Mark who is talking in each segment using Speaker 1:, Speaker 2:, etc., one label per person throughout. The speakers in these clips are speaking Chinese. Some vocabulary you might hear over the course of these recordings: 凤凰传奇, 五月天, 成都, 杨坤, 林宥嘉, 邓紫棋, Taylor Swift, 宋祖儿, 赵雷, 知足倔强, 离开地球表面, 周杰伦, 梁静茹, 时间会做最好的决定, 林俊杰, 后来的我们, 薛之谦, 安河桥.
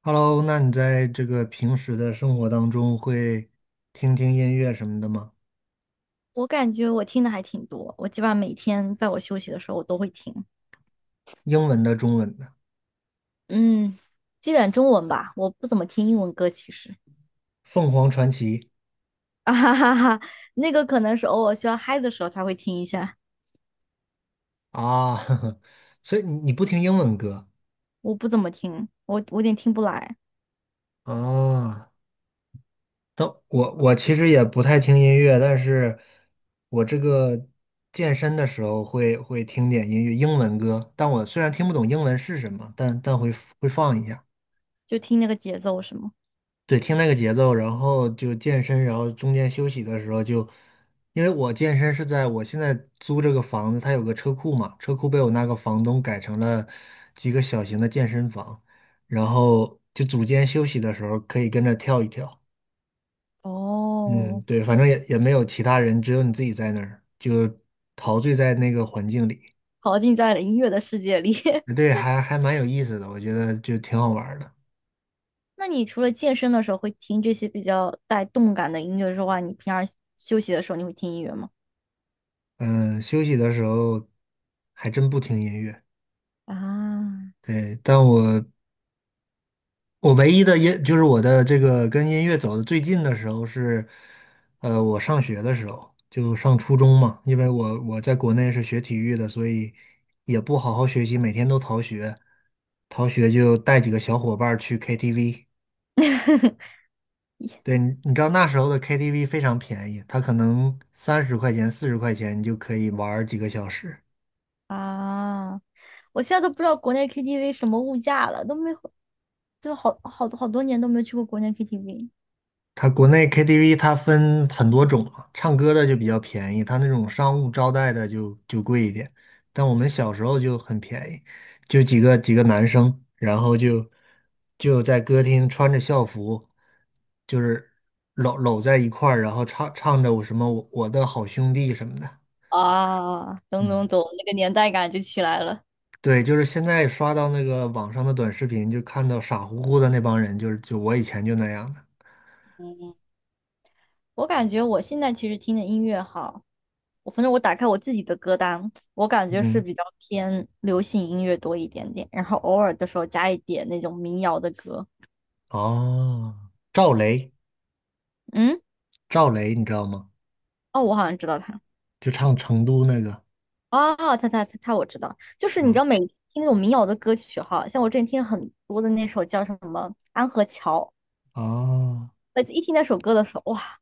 Speaker 1: Hello，那你在这个平时的生活当中会听听音乐什么的吗？
Speaker 2: 我感觉我听的还挺多，我基本上每天在我休息的时候我都会听，
Speaker 1: 英文的、中文的，
Speaker 2: 嗯，基本中文吧，我不怎么听英文歌，其实。
Speaker 1: 凤凰传奇
Speaker 2: 啊哈哈哈，那个可能是偶尔需要嗨的时候才会听一下，
Speaker 1: 啊，呵呵，所以你不听英文歌
Speaker 2: 我不怎么听，我有点听不来，
Speaker 1: 啊？但我其实也不太听音乐，但是我这个健身的时候会听点音乐，英文歌。但我虽然听不懂英文是什么，但会放一下。
Speaker 2: 就听那个节奏是吗？
Speaker 1: 对，听那个节奏，然后就健身，然后中间休息的时候就，因为我健身是在我现在租这个房子，它有个车库嘛，车库被我那个房东改成了一个小型的健身房，然后就组间休息的时候可以跟着跳一跳。嗯，
Speaker 2: 哦
Speaker 1: 对，反正也没有其他人，只有你自己在那儿，就陶醉在那个环境里。
Speaker 2: 陶浸在了音乐的世界里。
Speaker 1: 对，还蛮有意思的，我觉得就挺好玩儿的。
Speaker 2: 那你除了健身的时候会听这些比较带动感的音乐之外，你平常休息的时候你会听音乐吗？
Speaker 1: 嗯，休息的时候还真不听音乐。
Speaker 2: 啊，
Speaker 1: 对，但我唯一的音就是我的这个跟音乐走的最近的时候是，我上学的时候就上初中嘛，因为我在国内是学体育的，所以也不好好学习，每天都逃学，逃学就带几个小伙伴儿去 KTV。对，你知道那时候的 KTV 非常便宜，它可能30块钱、40块钱你就可以玩儿几个小时。
Speaker 2: 啊，我现在都不知道国内 KTV 什么物价了，都没回就好好多好多年都没去过国内 KTV。
Speaker 1: 它国内 KTV 它分很多种啊，唱歌的就比较便宜，它那种商务招待的就贵一点。但我们小时候就很便宜，就几个男生，然后就在歌厅穿着校服，就是搂在一块儿，然后唱着我什么我的好兄弟什么的。
Speaker 2: 啊，懂懂
Speaker 1: 嗯，
Speaker 2: 懂，那个年代感就起来了。
Speaker 1: 对，就是现在刷到那个网上的短视频，就看到傻乎乎的那帮人，就是就我以前就那样的。
Speaker 2: 我感觉我现在其实听的音乐哈，我反正我打开我自己的歌单，我感觉是
Speaker 1: 嗯，
Speaker 2: 比较偏流行音乐多一点点，然后偶尔的时候加一点那种民谣的歌。
Speaker 1: 哦，赵雷。
Speaker 2: 嗯，
Speaker 1: 赵雷，你知道吗？
Speaker 2: 哦，我好像知道他。
Speaker 1: 就唱《成都》那个，
Speaker 2: 哦，他，我知道，就
Speaker 1: 是
Speaker 2: 是你知
Speaker 1: 吧？
Speaker 2: 道，每次听那种民谣的歌曲哈，像我之前听很多的那首叫什么《安河桥》，
Speaker 1: 啊，
Speaker 2: 一听那首歌的时候，哇，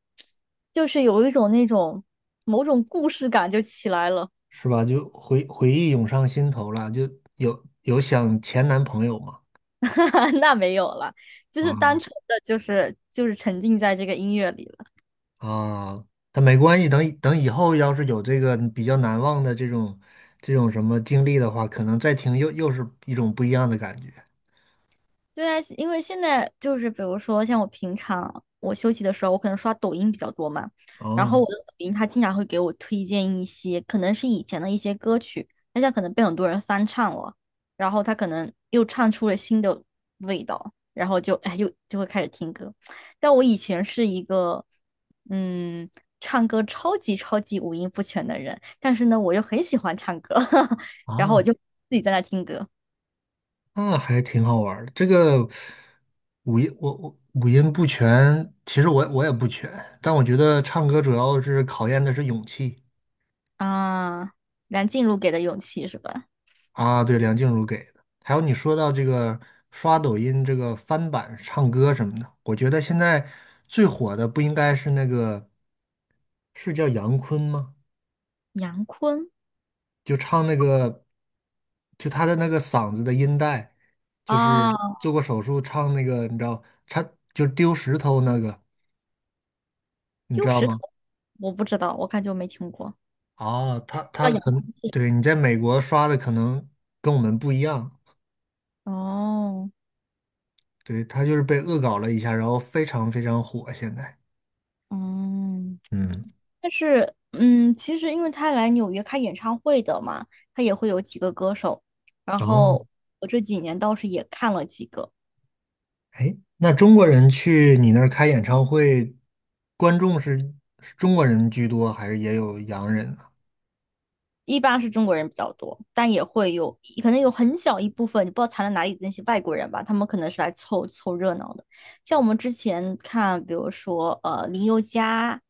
Speaker 2: 就是有一种那种某种故事感就起来了。
Speaker 1: 是吧？就回忆涌上心头了，就有想前男朋友嘛？
Speaker 2: 那没有了，就是单
Speaker 1: 啊
Speaker 2: 纯的就是沉浸在这个音乐里了。
Speaker 1: 啊，但没关系，等以后要是有这个比较难忘的这种什么经历的话，可能再听又是一种不一样的感觉。
Speaker 2: 对啊，因为现在就是比如说像我平常我休息的时候，我可能刷抖音比较多嘛，然
Speaker 1: 哦
Speaker 2: 后我的抖音它经常会给我推荐一些可能是以前的一些歌曲，但现在可能被很多人翻唱了，然后它可能又唱出了新的味道，然后就哎又就会开始听歌。但我以前是一个嗯唱歌超级超级五音不全的人，但是呢我又很喜欢唱歌，然后我
Speaker 1: 啊，
Speaker 2: 就自己在那听歌。
Speaker 1: 那还挺好玩儿的。这个五音我五音不全，其实我也不全，但我觉得唱歌主要是考验的是勇气。
Speaker 2: 啊，梁静茹给的勇气是吧？
Speaker 1: 啊，对，梁静茹给的。还有你说到这个刷抖音这个翻版唱歌什么的，我觉得现在最火的不应该是那个，是叫杨坤吗？
Speaker 2: 杨坤
Speaker 1: 就唱那个，就他的那个嗓子的音带，就是
Speaker 2: 啊，
Speaker 1: 做过手术唱那个，你知道，他就丢石头那个，你知
Speaker 2: 丢
Speaker 1: 道
Speaker 2: 石
Speaker 1: 吗？
Speaker 2: 头，我不知道，我感觉我没听过。
Speaker 1: 啊，他
Speaker 2: 叫
Speaker 1: 他
Speaker 2: 杨
Speaker 1: 可
Speaker 2: 坤
Speaker 1: 能
Speaker 2: 是谁
Speaker 1: 对你在美国刷的可能跟我们不一样，
Speaker 2: 哦，
Speaker 1: 对，他就是被恶搞了一下，然后非常非常火现在。
Speaker 2: 嗯，
Speaker 1: 嗯。
Speaker 2: 但是其实因为他来纽约开演唱会的嘛，他也会有几个歌手，然
Speaker 1: 哦，
Speaker 2: 后我这几年倒是也看了几个。
Speaker 1: 哎，那中国人去你那儿开演唱会，观众是中国人居多，还是也有洋人呢？
Speaker 2: 一般是中国人比较多，但也会有，可能有很小一部分，你不知道藏在哪里的那些外国人吧，他们可能是来凑凑热闹的。像我们之前看，比如说林宥嘉，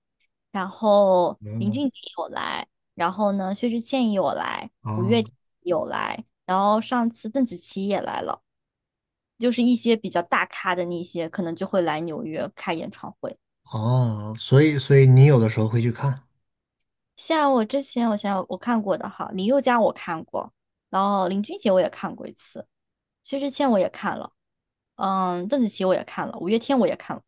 Speaker 2: 然后林
Speaker 1: 哦，
Speaker 2: 俊杰有来，然后呢薛之谦也有来，五
Speaker 1: 哦，
Speaker 2: 月天也有来，然后上次邓紫棋也来了，就是一些比较大咖的那些，可能就会来纽约开演唱会。
Speaker 1: 哦，所以你有的时候会去看，
Speaker 2: 像我之前，我想想我看过的哈，林宥嘉我看过，然后林俊杰我也看过一次。薛之谦我也看了，嗯，邓紫棋我也看了，五月天我也看了。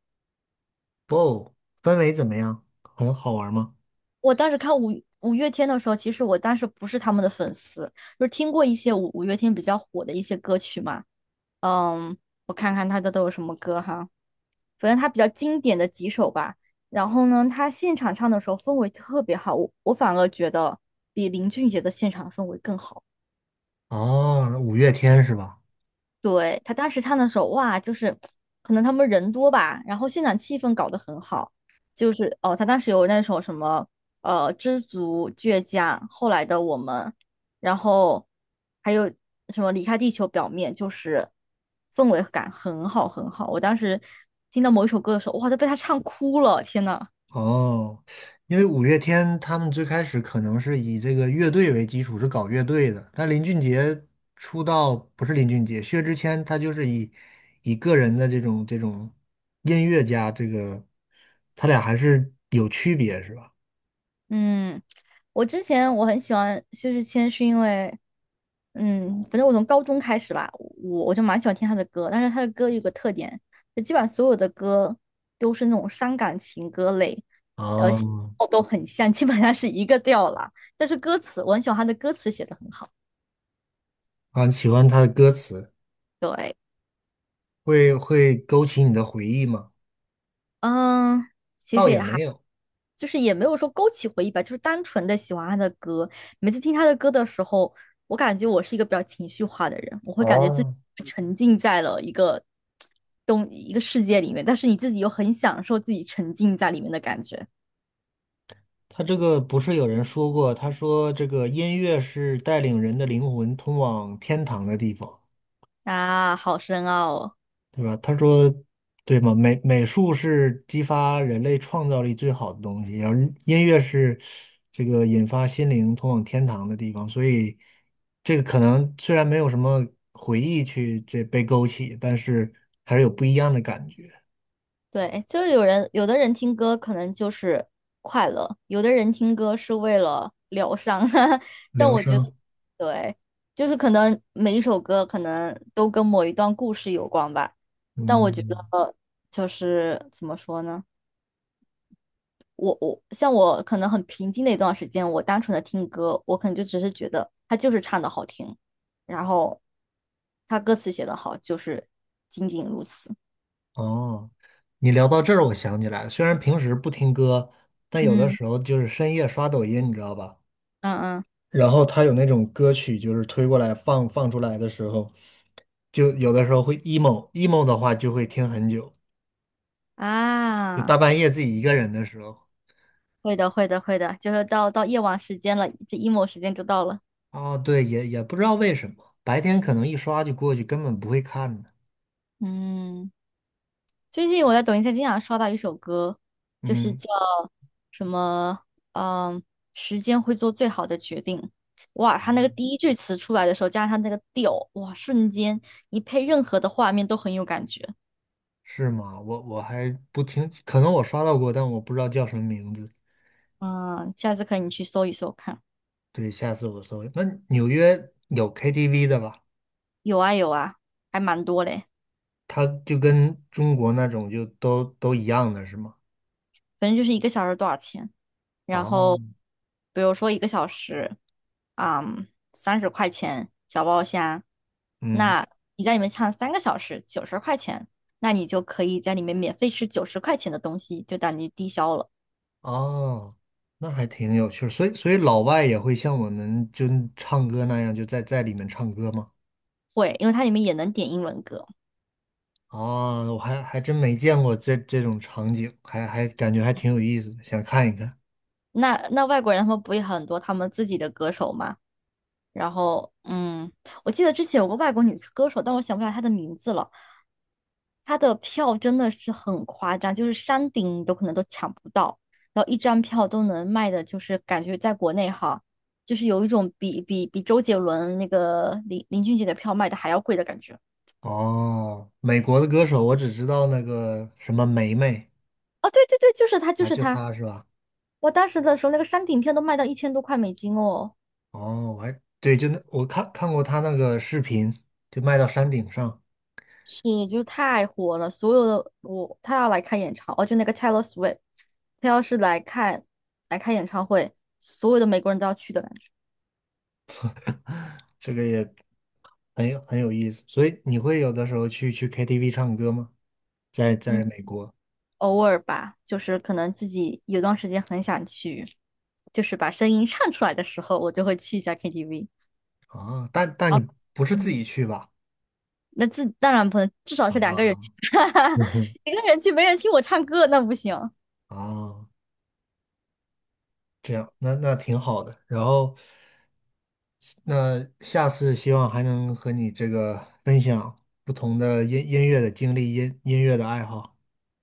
Speaker 1: 哦，氛围怎么样？很好玩吗？
Speaker 2: 我当时看五月天的时候，其实我当时不是他们的粉丝，就是听过一些五月天比较火的一些歌曲嘛。嗯，我看看他的都有什么歌哈，反正他比较经典的几首吧。然后呢，他现场唱的时候氛围特别好，我反而觉得比林俊杰的现场氛围更好。
Speaker 1: 哦，五月天是吧？
Speaker 2: 对，他当时唱的时候，哇，就是可能他们人多吧，然后现场气氛搞得很好，就是哦，他当时有那首什么《知足倔强》，后来的我们，然后还有什么离开地球表面，就是氛围感很好很好。我当时听到某一首歌的时候，哇，都被他唱哭了，天呐！
Speaker 1: 哦，因为五月天他们最开始可能是以这个乐队为基础，是搞乐队的。但林俊杰出道不是林俊杰，薛之谦他就是以个人的这种音乐家，这个他俩还是有区别，是吧？
Speaker 2: 嗯，我之前我很喜欢薛之谦，是因为，嗯，反正我从高中开始吧，我就蛮喜欢听他的歌，但是他的歌有个特点，就基本上所有的歌都是那种伤感情歌类，
Speaker 1: 哦，
Speaker 2: 哦，都很像，基本上是一个调啦。但是歌词，我很喜欢他的歌词写的很好。
Speaker 1: 啊，喜欢他的歌词，
Speaker 2: 对，
Speaker 1: 会勾起你的回忆吗？
Speaker 2: 嗯。
Speaker 1: 倒也没有。
Speaker 2: 就是也没有说勾起回忆吧，就是单纯的喜欢他的歌。每次听他的歌的时候，我感觉我是一个比较情绪化的人，我会感觉自己
Speaker 1: 哦，
Speaker 2: 沉浸在了一个东一个世界里面，但是你自己又很享受自己沉浸在里面的感觉。
Speaker 1: 他这个不是有人说过，他说这个音乐是带领人的灵魂通往天堂的地方。
Speaker 2: 啊，好深奥哦。
Speaker 1: 对吧？他说，对吗？美术是激发人类创造力最好的东西，然后音乐是这个引发心灵通往天堂的地方，所以这个可能虽然没有什么回忆去这被勾起，但是还是有不一样的感觉。
Speaker 2: 对，就是有人，有的人听歌可能就是快乐，有的人听歌是为了疗伤，但
Speaker 1: 疗
Speaker 2: 我觉得，
Speaker 1: 伤，
Speaker 2: 对，就是可能每一首歌可能都跟某一段故事有关吧，但我觉
Speaker 1: 嗯，
Speaker 2: 得就是怎么说呢，像我可能很平静的一段时间，我单纯的听歌，我可能就只是觉得他就是唱的好听，然后他歌词写的好，就是仅仅如此。
Speaker 1: 哦，你聊到这儿，我想起来了，虽然平时不听歌，但有的
Speaker 2: 嗯
Speaker 1: 时候就是深夜刷抖音，你知道吧？
Speaker 2: 嗯嗯
Speaker 1: 然后他有那种歌曲，就是推过来放出来的时候，就有的时候会 emo emo 的话，就会听很久。就大
Speaker 2: 啊。
Speaker 1: 半夜自己一个人的时候，
Speaker 2: 会的，会的，会的，就是到夜晚时间了，这 emo 时间就到了。
Speaker 1: 哦，对，也不知道为什么，白天可能一刷就过去，根本不会看的。
Speaker 2: 嗯，最近我在抖音上经常刷到一首歌，就是
Speaker 1: 嗯，
Speaker 2: 叫什么，嗯，时间会做最好的决定。哇，他那个第一句词出来的时候，加上他那个调，哇，瞬间你配任何的画面都很有感觉。
Speaker 1: 是吗？我还不听，可能我刷到过，但我不知道叫什么名字。
Speaker 2: 嗯，下次可以你去搜一搜看，
Speaker 1: 对，下次我搜一下那纽约有 KTV 的吧？
Speaker 2: 有啊有啊，还蛮多嘞。
Speaker 1: 它就跟中国那种就都一样的是吗？
Speaker 2: 反正就是一个小时多少钱。然后
Speaker 1: 哦，
Speaker 2: 比如说一个小时，嗯，30块钱小包虾，
Speaker 1: 嗯。
Speaker 2: 那你在里面唱3个小时，九十块钱，那你就可以在里面免费吃九十块钱的东西，就等于低消了。
Speaker 1: 哦，那还挺有趣儿所以老外也会像我们就唱歌那样，就在里面唱歌吗？
Speaker 2: 会，因为它里面也能点英文歌。
Speaker 1: 啊，我还真没见过这种场景，还感觉还挺有意思的，想看一看。
Speaker 2: 那外国人他们不也很多他们自己的歌手吗？然后，我记得之前有个外国女歌手，但我想不起来她的名字了。她的票真的是很夸张，就是山顶都可能都抢不到，然后一张票都能卖的，就是感觉在国内哈，就是有一种比周杰伦那个林俊杰的票卖的还要贵的感觉。
Speaker 1: 哦，美国的歌手我只知道那个什么梅梅
Speaker 2: 哦，对对对，就是他，就
Speaker 1: 啊，
Speaker 2: 是
Speaker 1: 就
Speaker 2: 他。
Speaker 1: 她是吧？
Speaker 2: 我当时的时候，那个山顶票都卖到1000多块美金哦。
Speaker 1: 哦，我还对，就那我看过她那个视频，就卖到山顶上，
Speaker 2: 是，就是太火了，所有的我他要来开演唱，哦，就那个 Taylor Swift，他要是来开演唱会，所有的美国人都要去的感觉。
Speaker 1: 这个也很有意思。所以你会有的时候去 KTV 唱歌吗？在
Speaker 2: 嗯，
Speaker 1: 美国。
Speaker 2: 偶尔吧，就是可能自己有段时间很想去，就是把声音唱出来的时候，我就会去一下 KTV。
Speaker 1: 啊，但
Speaker 2: 哦，
Speaker 1: 你不是自
Speaker 2: 嗯，
Speaker 1: 己去吧？
Speaker 2: 那自当然不能，至少是
Speaker 1: 啊，
Speaker 2: 2个人去，
Speaker 1: 嗯哼，
Speaker 2: 一个人去没人听我唱歌，那不行。
Speaker 1: 啊，这样，那挺好的。然后，那下次希望还能和你这个分享不同的音乐的经历、音乐的爱好。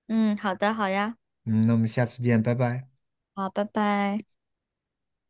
Speaker 2: 嗯，好的，好呀，
Speaker 1: 嗯，那我们下次见，拜拜。
Speaker 2: 好，拜拜。